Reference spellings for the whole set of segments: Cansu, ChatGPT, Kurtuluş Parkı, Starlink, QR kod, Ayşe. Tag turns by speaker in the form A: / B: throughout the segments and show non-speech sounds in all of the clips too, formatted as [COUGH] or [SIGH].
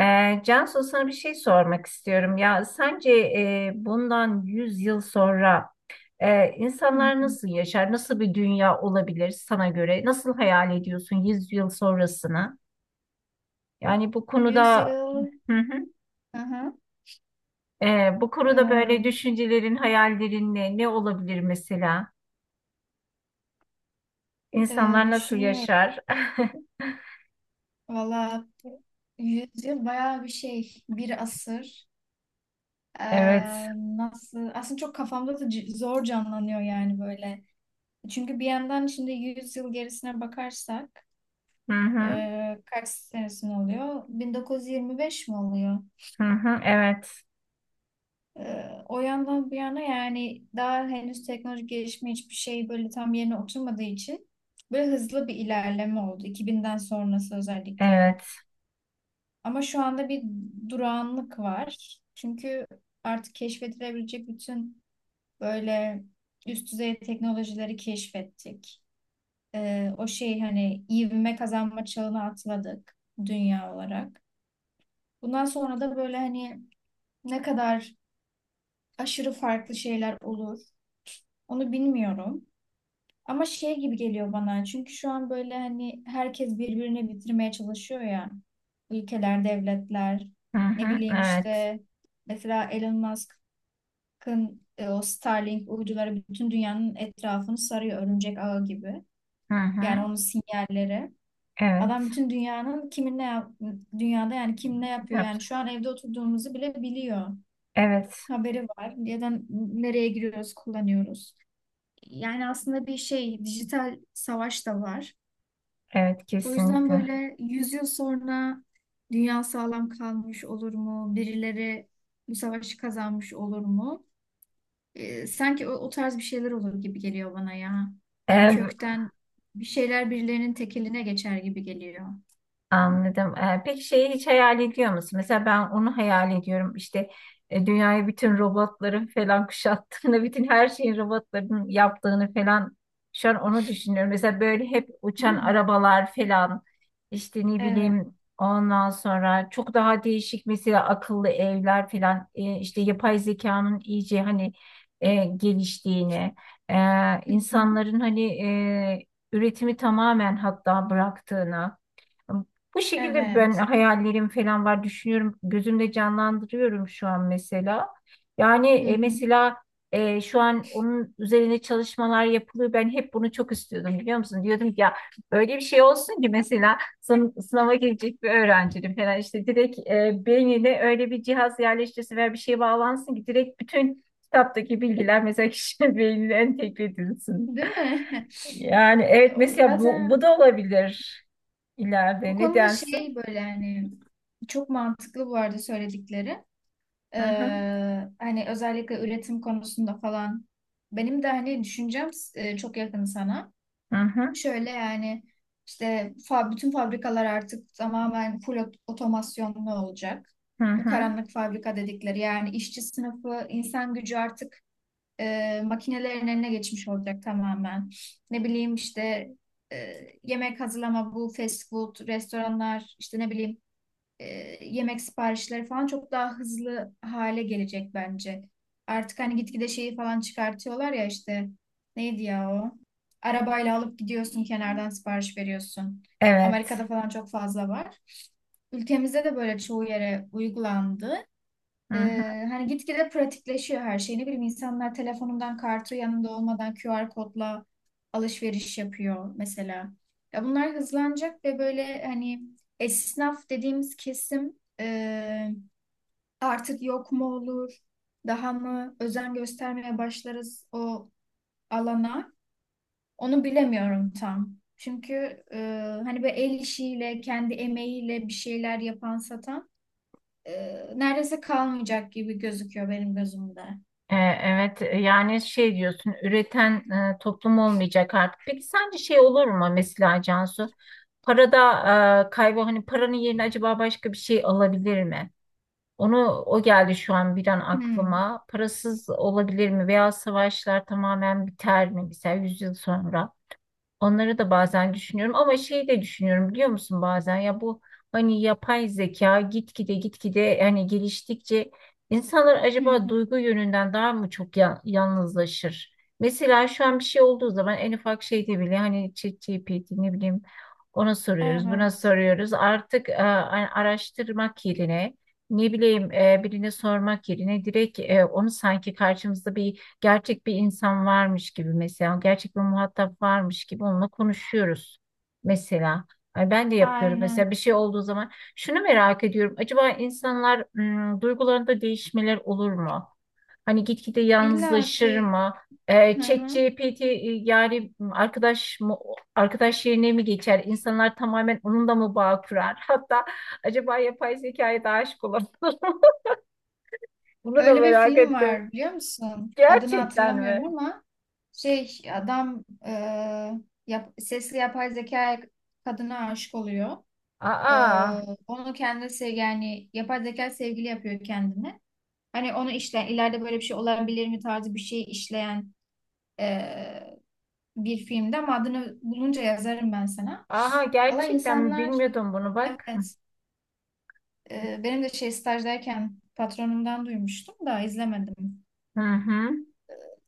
A: Cansu, sana bir şey sormak istiyorum. Ya sence, bundan 100 yıl sonra
B: Hı
A: insanlar
B: hı.
A: nasıl yaşar? Nasıl bir dünya olabilir sana göre? Nasıl hayal ediyorsun 100 yıl sonrasını? Yani bu konuda,
B: Yüzyıl.
A: hı hı,
B: Hı hı.
A: bu konuda böyle düşüncelerin, hayallerin, ne olabilir mesela? İnsanlar nasıl
B: Düşünüyorum.
A: yaşar? [LAUGHS]
B: Valla yüzyıl bayağı bir şey. Bir asır. E,
A: Evet.
B: Nasıl? Aslında çok kafamda da zor canlanıyor yani böyle. Çünkü bir yandan şimdi yüz yıl gerisine bakarsak
A: Hı hı.
B: kaç senesine oluyor? 1925 mi oluyor?
A: Hı hı. Evet.
B: O yandan bir yana yani daha henüz teknoloji gelişme hiçbir şey böyle tam yerine oturmadığı için böyle hızlı bir ilerleme oldu iki binden sonrası özellikle.
A: Evet.
B: Ama şu anda bir durağanlık var. Çünkü artık keşfedilebilecek bütün böyle üst düzey teknolojileri keşfettik. O şey hani ivme kazanma çağına atladık dünya olarak. Bundan sonra da böyle hani ne kadar aşırı farklı şeyler olur onu bilmiyorum. Ama şey gibi geliyor bana. Çünkü şu an böyle hani herkes birbirini bitirmeye çalışıyor ya. Ülkeler, devletler,
A: Hı
B: ne
A: hı.
B: bileyim
A: Evet.
B: işte mesela Elon Musk'ın o Starlink uyduları bütün dünyanın etrafını sarıyor örümcek ağı gibi.
A: Hı
B: Yani
A: hı.
B: onun sinyalleri.
A: Evet.
B: Adam bütün dünyanın kimin ne yap dünyada yani kim ne yapıyor
A: Yap-
B: yani şu an evde oturduğumuzu bile biliyor.
A: Evet.
B: Haberi var. Neden nereye giriyoruz, kullanıyoruz. Yani aslında bir şey dijital savaş da var.
A: Evet,
B: O yüzden
A: kesinlikle.
B: böyle 100 yıl sonra dünya sağlam kalmış olur mu? Birileri bu savaşı kazanmış olur mu? Sanki o tarz bir şeyler olur gibi geliyor bana ya. Yani
A: Ee,
B: kökten bir şeyler birilerinin tekeline geçer gibi geliyor.
A: Anladım. Peki şeyi hiç hayal ediyor musun? Mesela ben onu hayal ediyorum. İşte, dünyayı bütün robotların falan kuşattığını, [LAUGHS] bütün her şeyin robotların yaptığını falan şu an onu düşünüyorum. Mesela böyle hep uçan
B: Hmm.
A: arabalar falan, işte ne
B: Evet,
A: bileyim, ondan sonra çok daha değişik, mesela akıllı evler falan, işte yapay zekanın iyice, hani, geliştiğini, e,
B: hı hı,
A: insanların, hani, üretimi tamamen hatta bıraktığını, bu şekilde ben
B: evet.
A: hayallerim falan var, düşünüyorum. Gözümde canlandırıyorum şu an mesela. Yani,
B: Hı hı.
A: mesela, şu an onun üzerine çalışmalar yapılıyor. Ben hep bunu çok istiyordum, biliyor musun? Diyordum ki ya, böyle bir şey olsun ki mesela sınava girecek bir öğrencinin falan işte direkt beynine öyle bir cihaz yerleştirsin veya bir şey bağlansın ki direkt bütün kitaptaki bilgiler mesela kişinin [LAUGHS] beynine entegre edilsin.
B: Değil mi?
A: Yani
B: [LAUGHS]
A: evet,
B: O
A: mesela, bu
B: zaten
A: da olabilir
B: o
A: ileride. Ne
B: konuda şey
A: dersin?
B: böyle yani çok mantıklı bu arada söyledikleri.
A: Hı hı,
B: Hani özellikle üretim konusunda falan benim de hani düşüncem çok yakın sana.
A: hı hı,
B: Şöyle yani işte bütün fabrikalar artık tamamen otomasyonlu olacak.
A: hı
B: Bu
A: hı.
B: karanlık fabrika dedikleri yani işçi sınıfı, insan gücü artık makinelerin eline geçmiş olacak tamamen. Ne bileyim işte e, yemek hazırlama bu fast food restoranlar işte ne bileyim e, yemek siparişleri falan çok daha hızlı hale gelecek bence. Artık hani gitgide şeyi falan çıkartıyorlar ya işte neydi ya o? Arabayla alıp gidiyorsun kenardan sipariş veriyorsun.
A: Evet.
B: Amerika'da falan çok fazla var. Ülkemizde de böyle çoğu yere uygulandı.
A: Hı hı.
B: Hani gitgide pratikleşiyor her şey. Ne bileyim insanlar telefonundan kartı yanında olmadan QR kodla alışveriş yapıyor mesela. Ya bunlar hızlanacak ve böyle hani esnaf dediğimiz kesim artık yok mu olur, daha mı özen göstermeye başlarız o alana. Onu bilemiyorum tam. Çünkü e, hani böyle el işiyle, kendi emeğiyle bir şeyler yapan satan e, neredeyse kalmayacak gibi gözüküyor benim gözümde.
A: Evet, yani şey diyorsun, üreten toplum olmayacak artık. Peki sence şey olur mu mesela, Cansu? Parada, kaybı hani, paranın yerine acaba başka bir şey alabilir mi? Onu o geldi şu an bir an
B: Hmm.
A: aklıma. Parasız olabilir mi? Veya savaşlar tamamen biter mi? Mesela 100 yıl sonra. Onları da bazen düşünüyorum ama şeyi de düşünüyorum, biliyor musun, bazen ya, bu hani yapay zeka gitgide hani geliştikçe, insanlar
B: Hı
A: acaba
B: hı.
A: duygu yönünden daha mı çok yalnızlaşır? Mesela şu an bir şey olduğu zaman en ufak şeyde bile, hani, ChatGPT, ne bileyim, ona soruyoruz, buna
B: Evet.
A: soruyoruz artık, araştırmak yerine, ne bileyim, birine sormak yerine direkt onu sanki karşımızda bir gerçek bir insan varmış gibi, mesela gerçek bir muhatap varmış gibi onunla konuşuyoruz mesela. Ay, ben de yapıyorum
B: Aynen.
A: mesela bir şey olduğu zaman. Şunu merak ediyorum: acaba insanlar duygularında değişmeler olur mu? Hani gitgide
B: İlla
A: yalnızlaşır
B: ki.
A: mı?
B: Hı hı.
A: ChatGPT, yani arkadaş mı, arkadaş yerine mi geçer? İnsanlar tamamen onunla mı bağ kurar? [LAUGHS] Hatta acaba yapay zekaya da aşık olur mu? [LAUGHS] Bunu da
B: Öyle bir
A: merak
B: film
A: ettim.
B: var biliyor musun? Adını
A: Gerçekten
B: hatırlamıyorum
A: mi?
B: ama şey adam sesli yapay zeka kadına aşık oluyor. E,
A: Aa.
B: Onu kendisi yani yapay zeka sevgili yapıyor kendine. Hani onu işleyen ileride böyle bir şey olabilir mi tarzı bir şey işleyen e, bir filmde ama adını bulunca yazarım ben sana.
A: Aha,
B: Valla
A: gerçekten mi?
B: insanlar
A: Bilmiyordum bunu, bak.
B: evet. Benim de şey stajdayken patronumdan duymuştum da izlemedim.
A: Hı hı.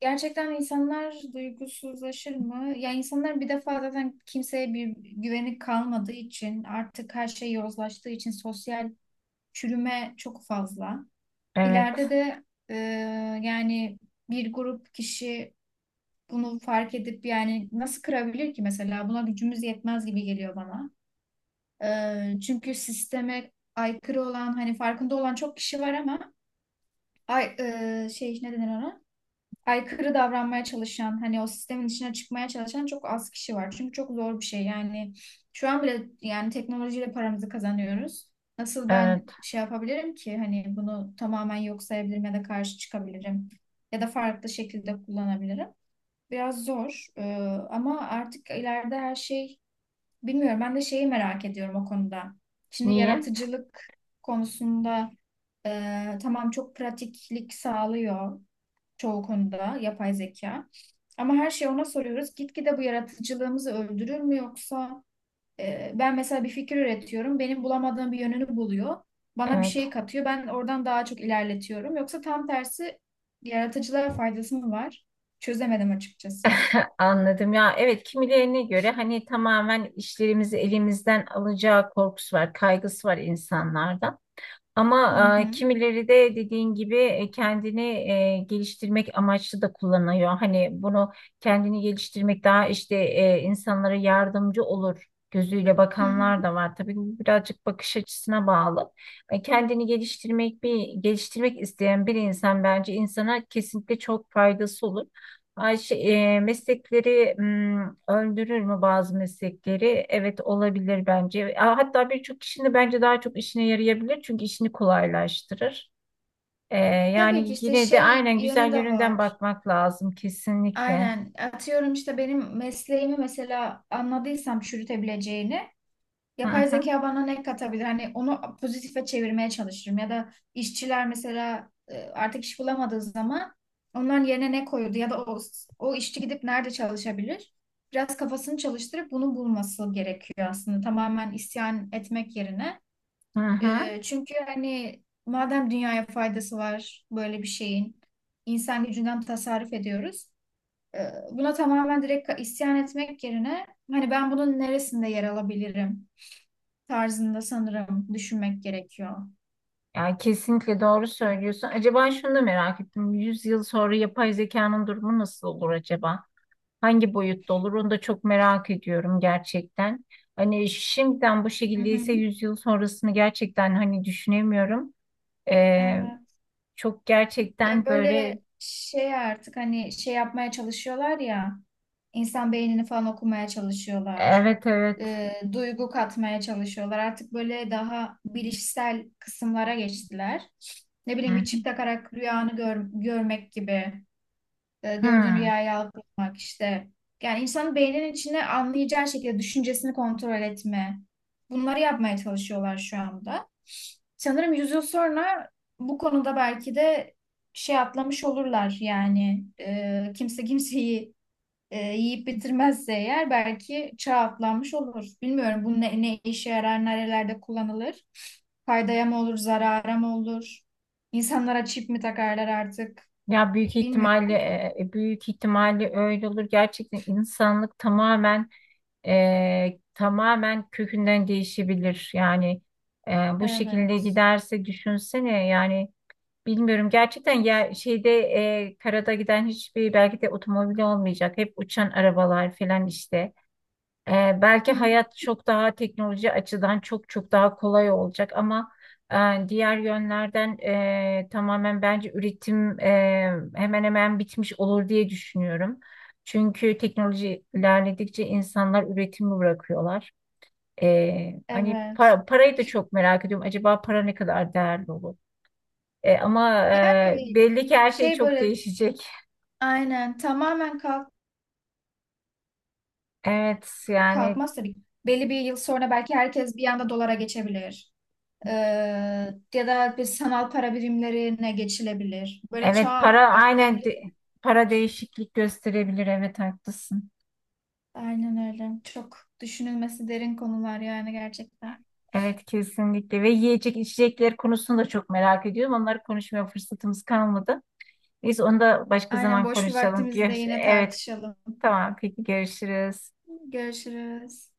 B: Gerçekten insanlar duygusuzlaşır mı? Ya insanlar bir defa zaten kimseye bir güveni kalmadığı için artık her şey yozlaştığı için sosyal çürüme çok fazla. İleride
A: Evet.
B: de e, yani bir grup kişi bunu fark edip yani nasıl kırabilir ki mesela? Buna gücümüz yetmez gibi geliyor bana. Çünkü sisteme aykırı olan hani farkında olan çok kişi var ama ay, şey ne denir ona? Aykırı davranmaya çalışan, hani o sistemin içine çıkmaya çalışan çok az kişi var. Çünkü çok zor bir şey. Yani şu an bile yani teknolojiyle paramızı kazanıyoruz. Nasıl ben
A: Evet.
B: şey yapabilirim ki hani bunu tamamen yok sayabilirim ya da karşı çıkabilirim ya da farklı şekilde kullanabilirim. Biraz zor, ama artık ileride her şey bilmiyorum. Ben de şeyi merak ediyorum o konuda. Şimdi
A: Niye?
B: yaratıcılık konusunda tamam çok pratiklik sağlıyor çoğu konuda yapay zeka. Ama her şeyi ona soruyoruz. Gitgide bu yaratıcılığımızı öldürür mü yoksa ben mesela bir fikir üretiyorum. Benim bulamadığım bir yönünü buluyor. Bana bir
A: Evet.
B: şey katıyor. Ben oradan daha çok ilerletiyorum. Yoksa tam tersi yaratıcılara faydası mı var? Çözemedim açıkçası.
A: [LAUGHS] Anladım ya. Evet, kimilerine göre hani tamamen işlerimizi elimizden alacağı korkusu var, kaygısı var insanlarda.
B: Hı
A: Ama
B: hı,
A: kimileri de dediğin gibi kendini geliştirmek amaçlı da kullanıyor. Hani bunu kendini geliştirmek daha işte, insanlara yardımcı olur gözüyle
B: hı hı.
A: bakanlar da var. Tabii, bu birazcık bakış açısına bağlı. Kendini geliştirmek, bir geliştirmek isteyen bir insan, bence insana kesinlikle çok faydası olur. Ayşe, meslekleri öldürür mü bazı meslekleri? Evet, olabilir bence. Hatta birçok kişinin bence daha çok işine yarayabilir, çünkü işini kolaylaştırır. E,
B: Tabii ki
A: yani
B: işte
A: yine de
B: şey
A: aynen
B: yönü
A: güzel
B: de
A: yönünden
B: var.
A: bakmak lazım kesinlikle.
B: Aynen. Atıyorum işte benim mesleğimi mesela anladıysam çürütebileceğini.
A: Hı
B: Yapay
A: hı,
B: zeka bana ne katabilir? Hani onu pozitife çevirmeye çalışırım. Ya da işçiler mesela artık iş bulamadığı zaman onların yerine ne koyuldu? Ya da o işçi gidip nerede çalışabilir? Biraz kafasını çalıştırıp bunu bulması gerekiyor aslında. Tamamen isyan etmek yerine.
A: hı hı.
B: Çünkü hani madem dünyaya faydası var böyle bir şeyin, insan gücünden tasarruf ediyoruz. E, Buna tamamen direkt isyan etmek yerine hani ben bunun neresinde yer alabilirim tarzında sanırım düşünmek gerekiyor.
A: Yani kesinlikle doğru söylüyorsun. Acaba şunu da merak ettim. 100 yıl sonra yapay zekanın durumu nasıl olur acaba? Hangi boyutta olur, onu da çok merak ediyorum gerçekten. Hani şimdiden bu
B: Hı
A: şekildeyse
B: hı.
A: 100 yıl sonrasını gerçekten hani düşünemiyorum. Ee,
B: Evet.
A: Çok
B: Ya
A: gerçekten böyle,
B: böyle şey artık hani şey yapmaya çalışıyorlar ya, insan beynini falan okumaya çalışıyorlar.
A: evet, evet.
B: Duygu katmaya çalışıyorlar. Artık böyle daha bilişsel kısımlara geçtiler. Ne
A: Hı
B: bileyim bir
A: hı.
B: çip takarak rüyanı görmek gibi. Gördüğün
A: Hı.
B: rüyayı algılamak işte. Yani insanın beyninin içine anlayacağı şekilde düşüncesini kontrol etme. Bunları yapmaya çalışıyorlar şu anda. Sanırım yüz yıl sonra bu konuda belki de şey atlamış olurlar yani. Kimse kimseyi yiyip bitirmezse eğer belki çağ atlanmış olur. Bilmiyorum bu ne işe yarar, nerelerde kullanılır. Faydaya mı olur, zarara mı olur? İnsanlara çip mi takarlar artık?
A: Ya, büyük ihtimalle
B: Bilmiyorum.
A: e, e, büyük ihtimalle öyle olur. Gerçekten insanlık tamamen kökünden değişebilir. Yani, e, bu şekilde
B: Evet.
A: giderse düşünsene, yani, bilmiyorum gerçekten ya, şeyde, karada giden hiçbir belki de otomobil olmayacak. Hep uçan arabalar falan işte. Belki
B: Hı.
A: hayat çok daha teknoloji açıdan çok çok daha kolay olacak, ama diğer yönlerden, tamamen bence üretim, hemen hemen bitmiş olur diye düşünüyorum. Çünkü teknoloji ilerledikçe insanlar üretimi bırakıyorlar. Hani
B: Evet.
A: parayı da çok merak ediyorum. Acaba para ne kadar değerli olur? Ama
B: Yani
A: belli ki
B: m,
A: her şey
B: şey
A: çok
B: böyle
A: değişecek.
B: aynen tamamen
A: Evet, yani
B: kalkmaz tabii. Belli bir yıl sonra belki herkes bir anda dolara geçebilir. Ee, Ya da bir sanal para birimlerine geçilebilir. Böyle çağ
A: evet, para aynen
B: atlayabilir.
A: de- para değişiklik gösterebilir. Evet, haklısın.
B: Aynen öyle. Çok düşünülmesi derin konular yani gerçekten.
A: Evet, kesinlikle, ve yiyecek içecekler konusunu da çok merak ediyorum. Onları konuşmaya fırsatımız kalmadı. Biz onu da başka
B: Aynen
A: zaman
B: boş bir
A: konuşalım.
B: vaktimizde yine
A: Evet,
B: tartışalım.
A: tamam, peki görüşürüz.
B: Görüşürüz.